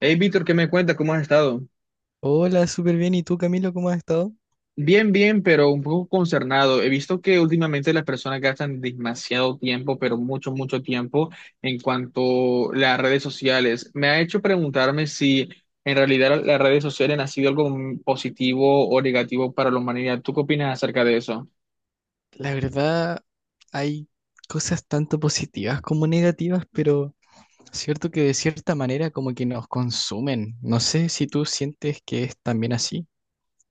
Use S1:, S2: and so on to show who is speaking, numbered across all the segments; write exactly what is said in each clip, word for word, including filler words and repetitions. S1: Hey, Víctor, ¿qué me cuentas? ¿Cómo has estado?
S2: Hola, súper bien. ¿Y tú, Camilo, cómo has estado?
S1: Bien, bien, pero un poco concernado. He visto que últimamente las personas gastan demasiado tiempo, pero mucho, mucho tiempo en cuanto a las redes sociales. Me ha hecho preguntarme si en realidad las redes sociales han sido algo positivo o negativo para la humanidad. ¿Tú qué opinas acerca de eso?
S2: La verdad, hay cosas tanto positivas como negativas, pero cierto que de cierta manera como que nos consumen. No sé si tú sientes que es también así.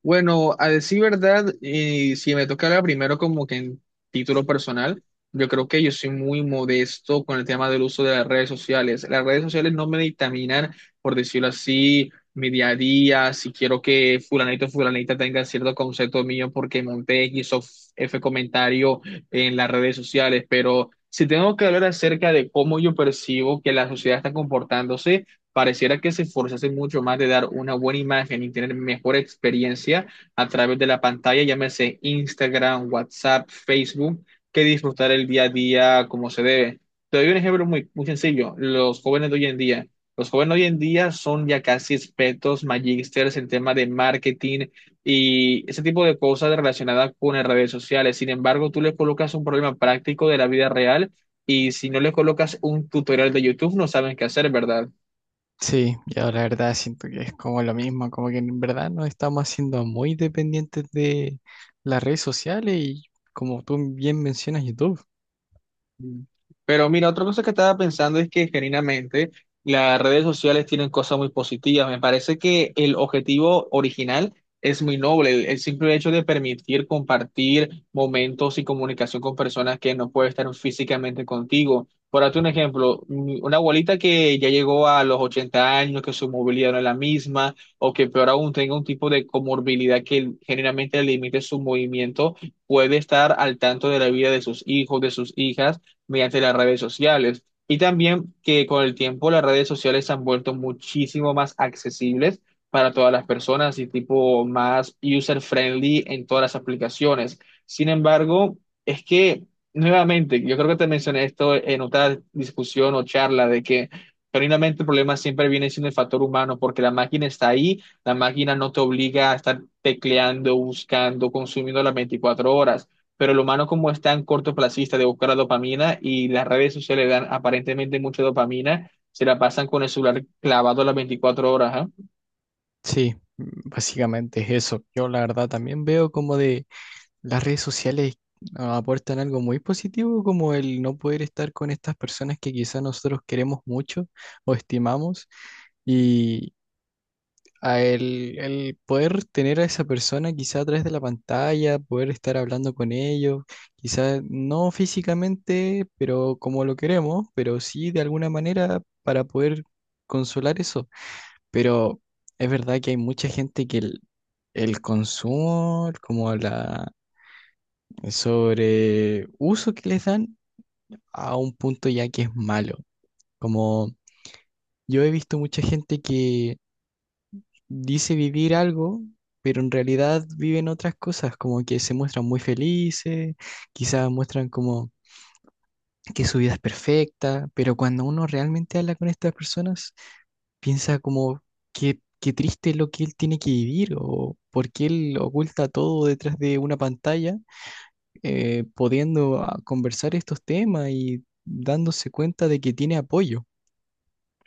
S1: Bueno, a decir verdad, y si me tocara primero como que en título personal, yo creo que yo soy muy modesto con el tema del uso de las redes sociales. Las redes sociales no me dictaminan, por decirlo así, mi día a día, si quiero que fulanito o fulanita tenga cierto concepto mío porque monté X o F comentario en las redes sociales, pero si tengo que hablar acerca de cómo yo percibo que la sociedad está comportándose, pareciera que se esforzase mucho más de dar una buena imagen y tener mejor experiencia a través de la pantalla, llámese Instagram, WhatsApp, Facebook, que disfrutar el día a día como se debe. Te doy un ejemplo muy, muy sencillo, los jóvenes de hoy en día. Los jóvenes de hoy en día son ya casi expertos, magísteres en tema de marketing y ese tipo de cosas relacionadas con las redes sociales. Sin embargo, tú les colocas un problema práctico de la vida real y si no les colocas un tutorial de YouTube, no saben qué hacer, ¿verdad?
S2: Sí, yo la verdad siento que es como lo mismo, como que en verdad nos estamos haciendo muy dependientes de las redes sociales y como tú bien mencionas YouTube.
S1: Mm. Pero mira, otra cosa que estaba pensando es que genuinamente las redes sociales tienen cosas muy positivas. Me parece que el objetivo original es muy noble, el, el simple hecho de permitir compartir momentos y comunicación con personas que no pueden estar físicamente contigo. Por darte un ejemplo, mm, una abuelita que ya llegó a los ochenta años, que su movilidad no es la misma, o que peor aún tenga un tipo de comorbilidad que generalmente limite su movimiento, puede estar al tanto de la vida de sus hijos, de sus hijas mediante las redes sociales. Y también que con el tiempo las redes sociales se han vuelto muchísimo más accesibles para todas las personas y tipo más user-friendly en todas las aplicaciones. Sin embargo, es que, nuevamente, yo creo que te mencioné esto en otra discusión o charla de que genuinamente el problema siempre viene siendo el factor humano porque la máquina está ahí, la máquina no te obliga a estar tecleando, buscando, consumiendo las veinticuatro horas pero el humano como es tan cortoplacista de buscar la dopamina y las redes sociales dan aparentemente mucha dopamina, se la pasan con el celular clavado las veinticuatro horas, ¿ah?
S2: Sí, mm, básicamente es eso. Yo la verdad también veo como de las redes sociales ah, aportan algo muy positivo, como el no poder estar con estas personas que quizás nosotros queremos mucho o estimamos, y a el, el poder tener a esa persona quizá a través de la pantalla, poder estar hablando con ellos, quizás no físicamente, pero como lo queremos, pero sí de alguna manera para poder consolar eso. Pero es verdad que hay mucha gente que el, el consumo, como la sobre uso que les dan a un punto ya que es malo. Como yo he visto mucha gente que dice vivir algo, pero en realidad viven otras cosas, como que se muestran muy felices, quizás muestran como que su vida es perfecta, pero cuando uno realmente habla con estas personas, piensa como que qué triste lo que él tiene que vivir o por qué él oculta todo detrás de una pantalla, eh, pudiendo ah, conversar estos temas y dándose cuenta de que tiene apoyo.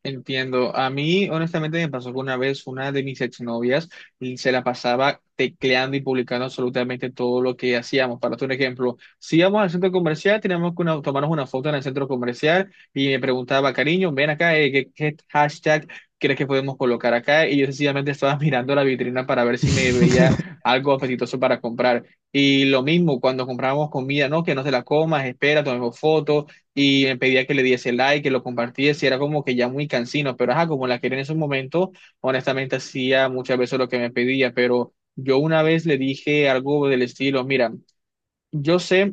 S1: Entiendo. A mí, honestamente, me pasó que una vez una de mis exnovias y se la pasaba tecleando y publicando absolutamente todo lo que hacíamos. Para un ejemplo, si íbamos al centro comercial, teníamos que una- tomarnos una foto en el centro comercial y me preguntaba, cariño, ven acá, eh, ¿qué, qué hashtag crees que podemos colocar acá? Y yo sencillamente estaba mirando la vitrina para ver si me veía algo apetitoso para comprar. Y lo mismo cuando comprábamos comida, ¿no? Que no te la comas, espera, tomemos fotos y me pedía que le diese like, que lo compartiese, y era como que ya muy cansino, pero ajá, como la quería en esos momentos, honestamente hacía muchas veces lo que me pedía, pero yo una vez le dije algo del estilo, mira, yo sé,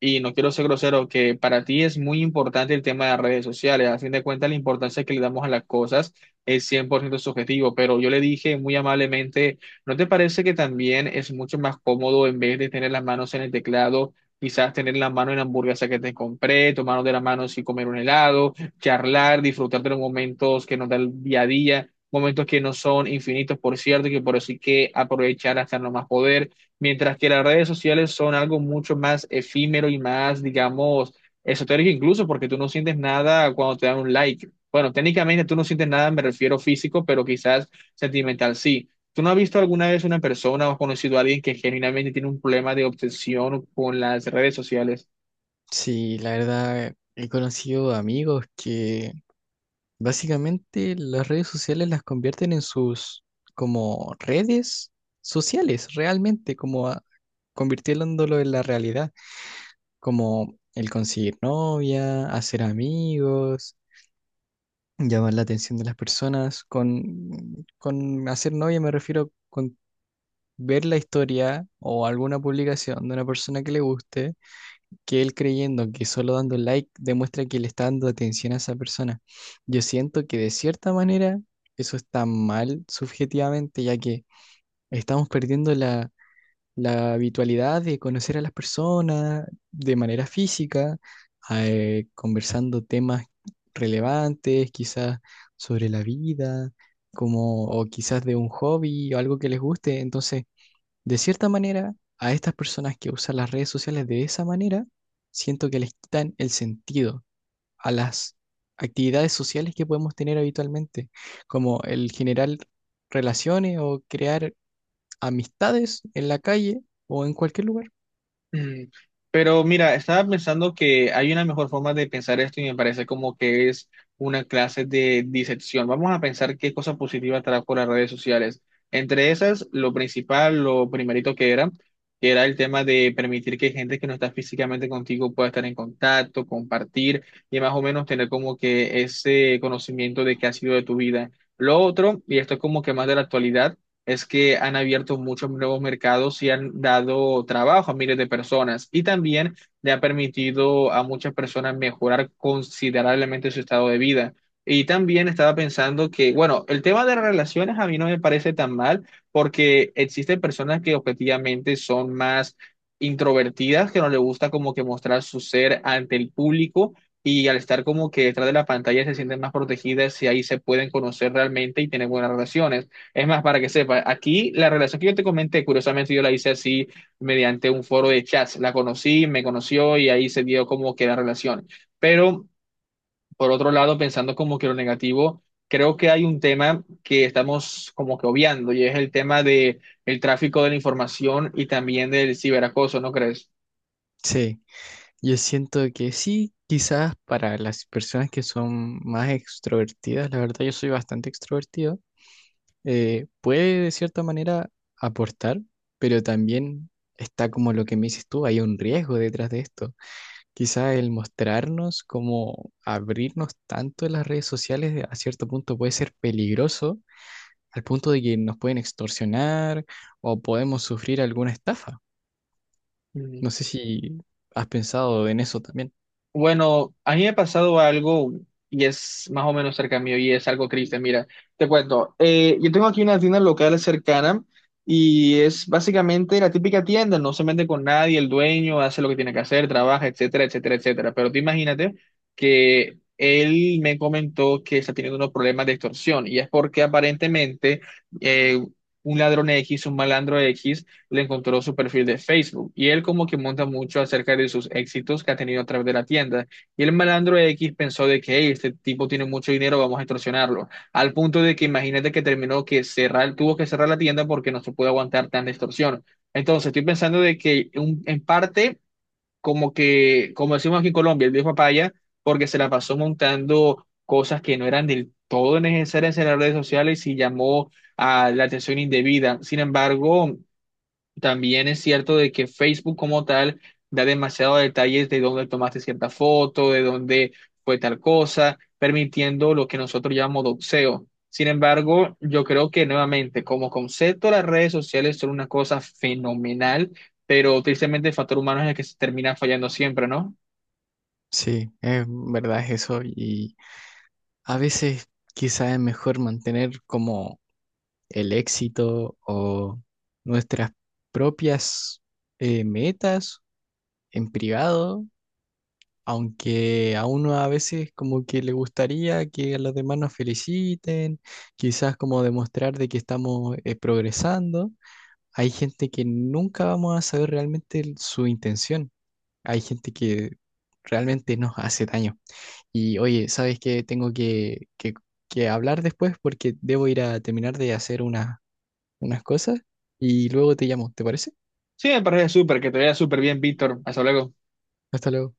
S1: y no quiero ser grosero, que para ti es muy importante el tema de las redes sociales. A fin de cuentas, la importancia que le damos a las cosas es cien por ciento subjetivo, pero yo le dije muy amablemente, ¿no te parece que también es mucho más cómodo en vez de tener las manos en el teclado, quizás tener la mano en la hamburguesa que te compré, tomar de la mano y comer un helado, charlar, disfrutar de los momentos que nos da el día a día? Momentos que no son infinitos, por cierto, y que por eso hay que aprovechar hasta no más poder mientras que las redes sociales son algo mucho más efímero y más, digamos, esotérico incluso, porque tú no sientes nada cuando te dan un like. Bueno, técnicamente tú no sientes nada, me refiero físico, pero quizás sentimental sí. ¿Tú no has visto alguna vez una persona o has conocido a alguien que genuinamente tiene un problema de obsesión con las redes sociales?
S2: Sí, la verdad, he conocido amigos que básicamente las redes sociales las convierten en sus como redes sociales, realmente, como a- convirtiéndolo en la realidad, como el conseguir novia, hacer amigos, llamar la atención de las personas, con, con hacer novia me refiero con ver la historia o alguna publicación de una persona que le guste, que él creyendo que solo dando like demuestra que le está dando atención a esa persona. Yo siento que de cierta manera eso está mal subjetivamente, ya que estamos perdiendo la, la habitualidad de conocer a las personas de manera física, eh, conversando temas relevantes, quizás sobre la vida, como, o quizás de un hobby o algo que les guste. Entonces, de cierta manera, a estas personas que usan las redes sociales de esa manera, siento que les quitan el sentido a las actividades sociales que podemos tener habitualmente, como el generar relaciones o crear amistades en la calle o en cualquier lugar.
S1: Mm, Pero mira, estaba pensando que hay una mejor forma de pensar esto y me parece como que es una clase de disección. Vamos a pensar qué cosas positivas trajo las redes sociales. Entre esas, lo principal, lo primerito que era, que era el tema de permitir que gente que no está físicamente contigo pueda estar en contacto, compartir y más o menos tener como que ese conocimiento de qué ha sido de tu vida. Lo otro, y esto es como que más de la actualidad es que han abierto muchos nuevos mercados y han dado trabajo a miles de personas y también le ha permitido a muchas personas mejorar considerablemente su estado de vida. Y también estaba pensando que, bueno, el tema de relaciones a mí no me parece tan mal porque existen personas que objetivamente son más introvertidas, que no les gusta como que mostrar su ser ante el público. Y al estar como que detrás de la pantalla se sienten más protegidas y ahí se pueden conocer realmente y tener buenas relaciones. Es más, para que sepa, aquí la relación que yo te comenté, curiosamente yo la hice así mediante un foro de chats. La conocí, me conoció y ahí se dio como que la relación. Pero por otro lado, pensando como que lo negativo, creo que hay un tema que estamos como que obviando y es el tema de el tráfico de la información y también del ciberacoso, ¿no crees?
S2: Sí, yo siento que sí, quizás para las personas que son más extrovertidas, la verdad yo soy bastante extrovertido, eh, puede de cierta manera aportar, pero también está como lo que me dices tú, hay un riesgo detrás de esto. Quizá el mostrarnos, como abrirnos tanto en las redes sociales de- a cierto punto puede ser peligroso, al punto de que nos pueden extorsionar o podemos sufrir alguna estafa. No sé si has pensado en eso también.
S1: Bueno, a mí me ha pasado algo y es más o menos cerca mío y es algo triste. Mira, te cuento. Eh, yo tengo aquí una tienda local cercana y es básicamente la típica tienda, no se mete con nadie, el dueño hace lo que tiene que hacer, trabaja, etcétera, etcétera, etcétera. Pero tú imagínate que él me comentó que está teniendo unos problemas de extorsión y es porque aparentemente eh, un ladrón X, un malandro X, le encontró su perfil de Facebook y él como que monta mucho acerca de sus éxitos que ha tenido a través de la tienda. Y el malandro X pensó de que: "Hey, este tipo tiene mucho dinero, vamos a extorsionarlo". Al punto de que imagínate que terminó que cerrar, tuvo que cerrar la tienda porque no se puede aguantar tanta extorsión. Entonces estoy pensando de que un- en parte como que, como decimos aquí en Colombia, el viejo papaya, porque se la pasó montando cosas que no eran del todo necesarias en las redes sociales y llamó a la atención indebida. Sin embargo, también es cierto de que Facebook como tal da demasiados detalles de dónde tomaste cierta foto, de dónde fue tal cosa, permitiendo lo que nosotros llamamos doxeo. Sin embargo, yo creo que nuevamente, como concepto, las redes sociales son una cosa fenomenal, pero tristemente el factor humano es el que se termina fallando siempre, ¿no?
S2: Sí, es verdad es eso y a veces quizá es mejor mantener como el éxito o nuestras propias eh, metas en privado, aunque a uno a veces como que le gustaría que a los demás nos feliciten, quizás como demostrar de que estamos eh, progresando. Hay gente que nunca vamos a saber realmente el- su intención. Hay gente que realmente nos hace daño. Y oye, ¿sabes qué? Tengo que, que, que hablar después porque debo ir a terminar de hacer unas unas cosas y luego te llamo, ¿te parece?
S1: Sí, me parece súper, que te vaya súper bien, Víctor. Hasta luego.
S2: Hasta luego.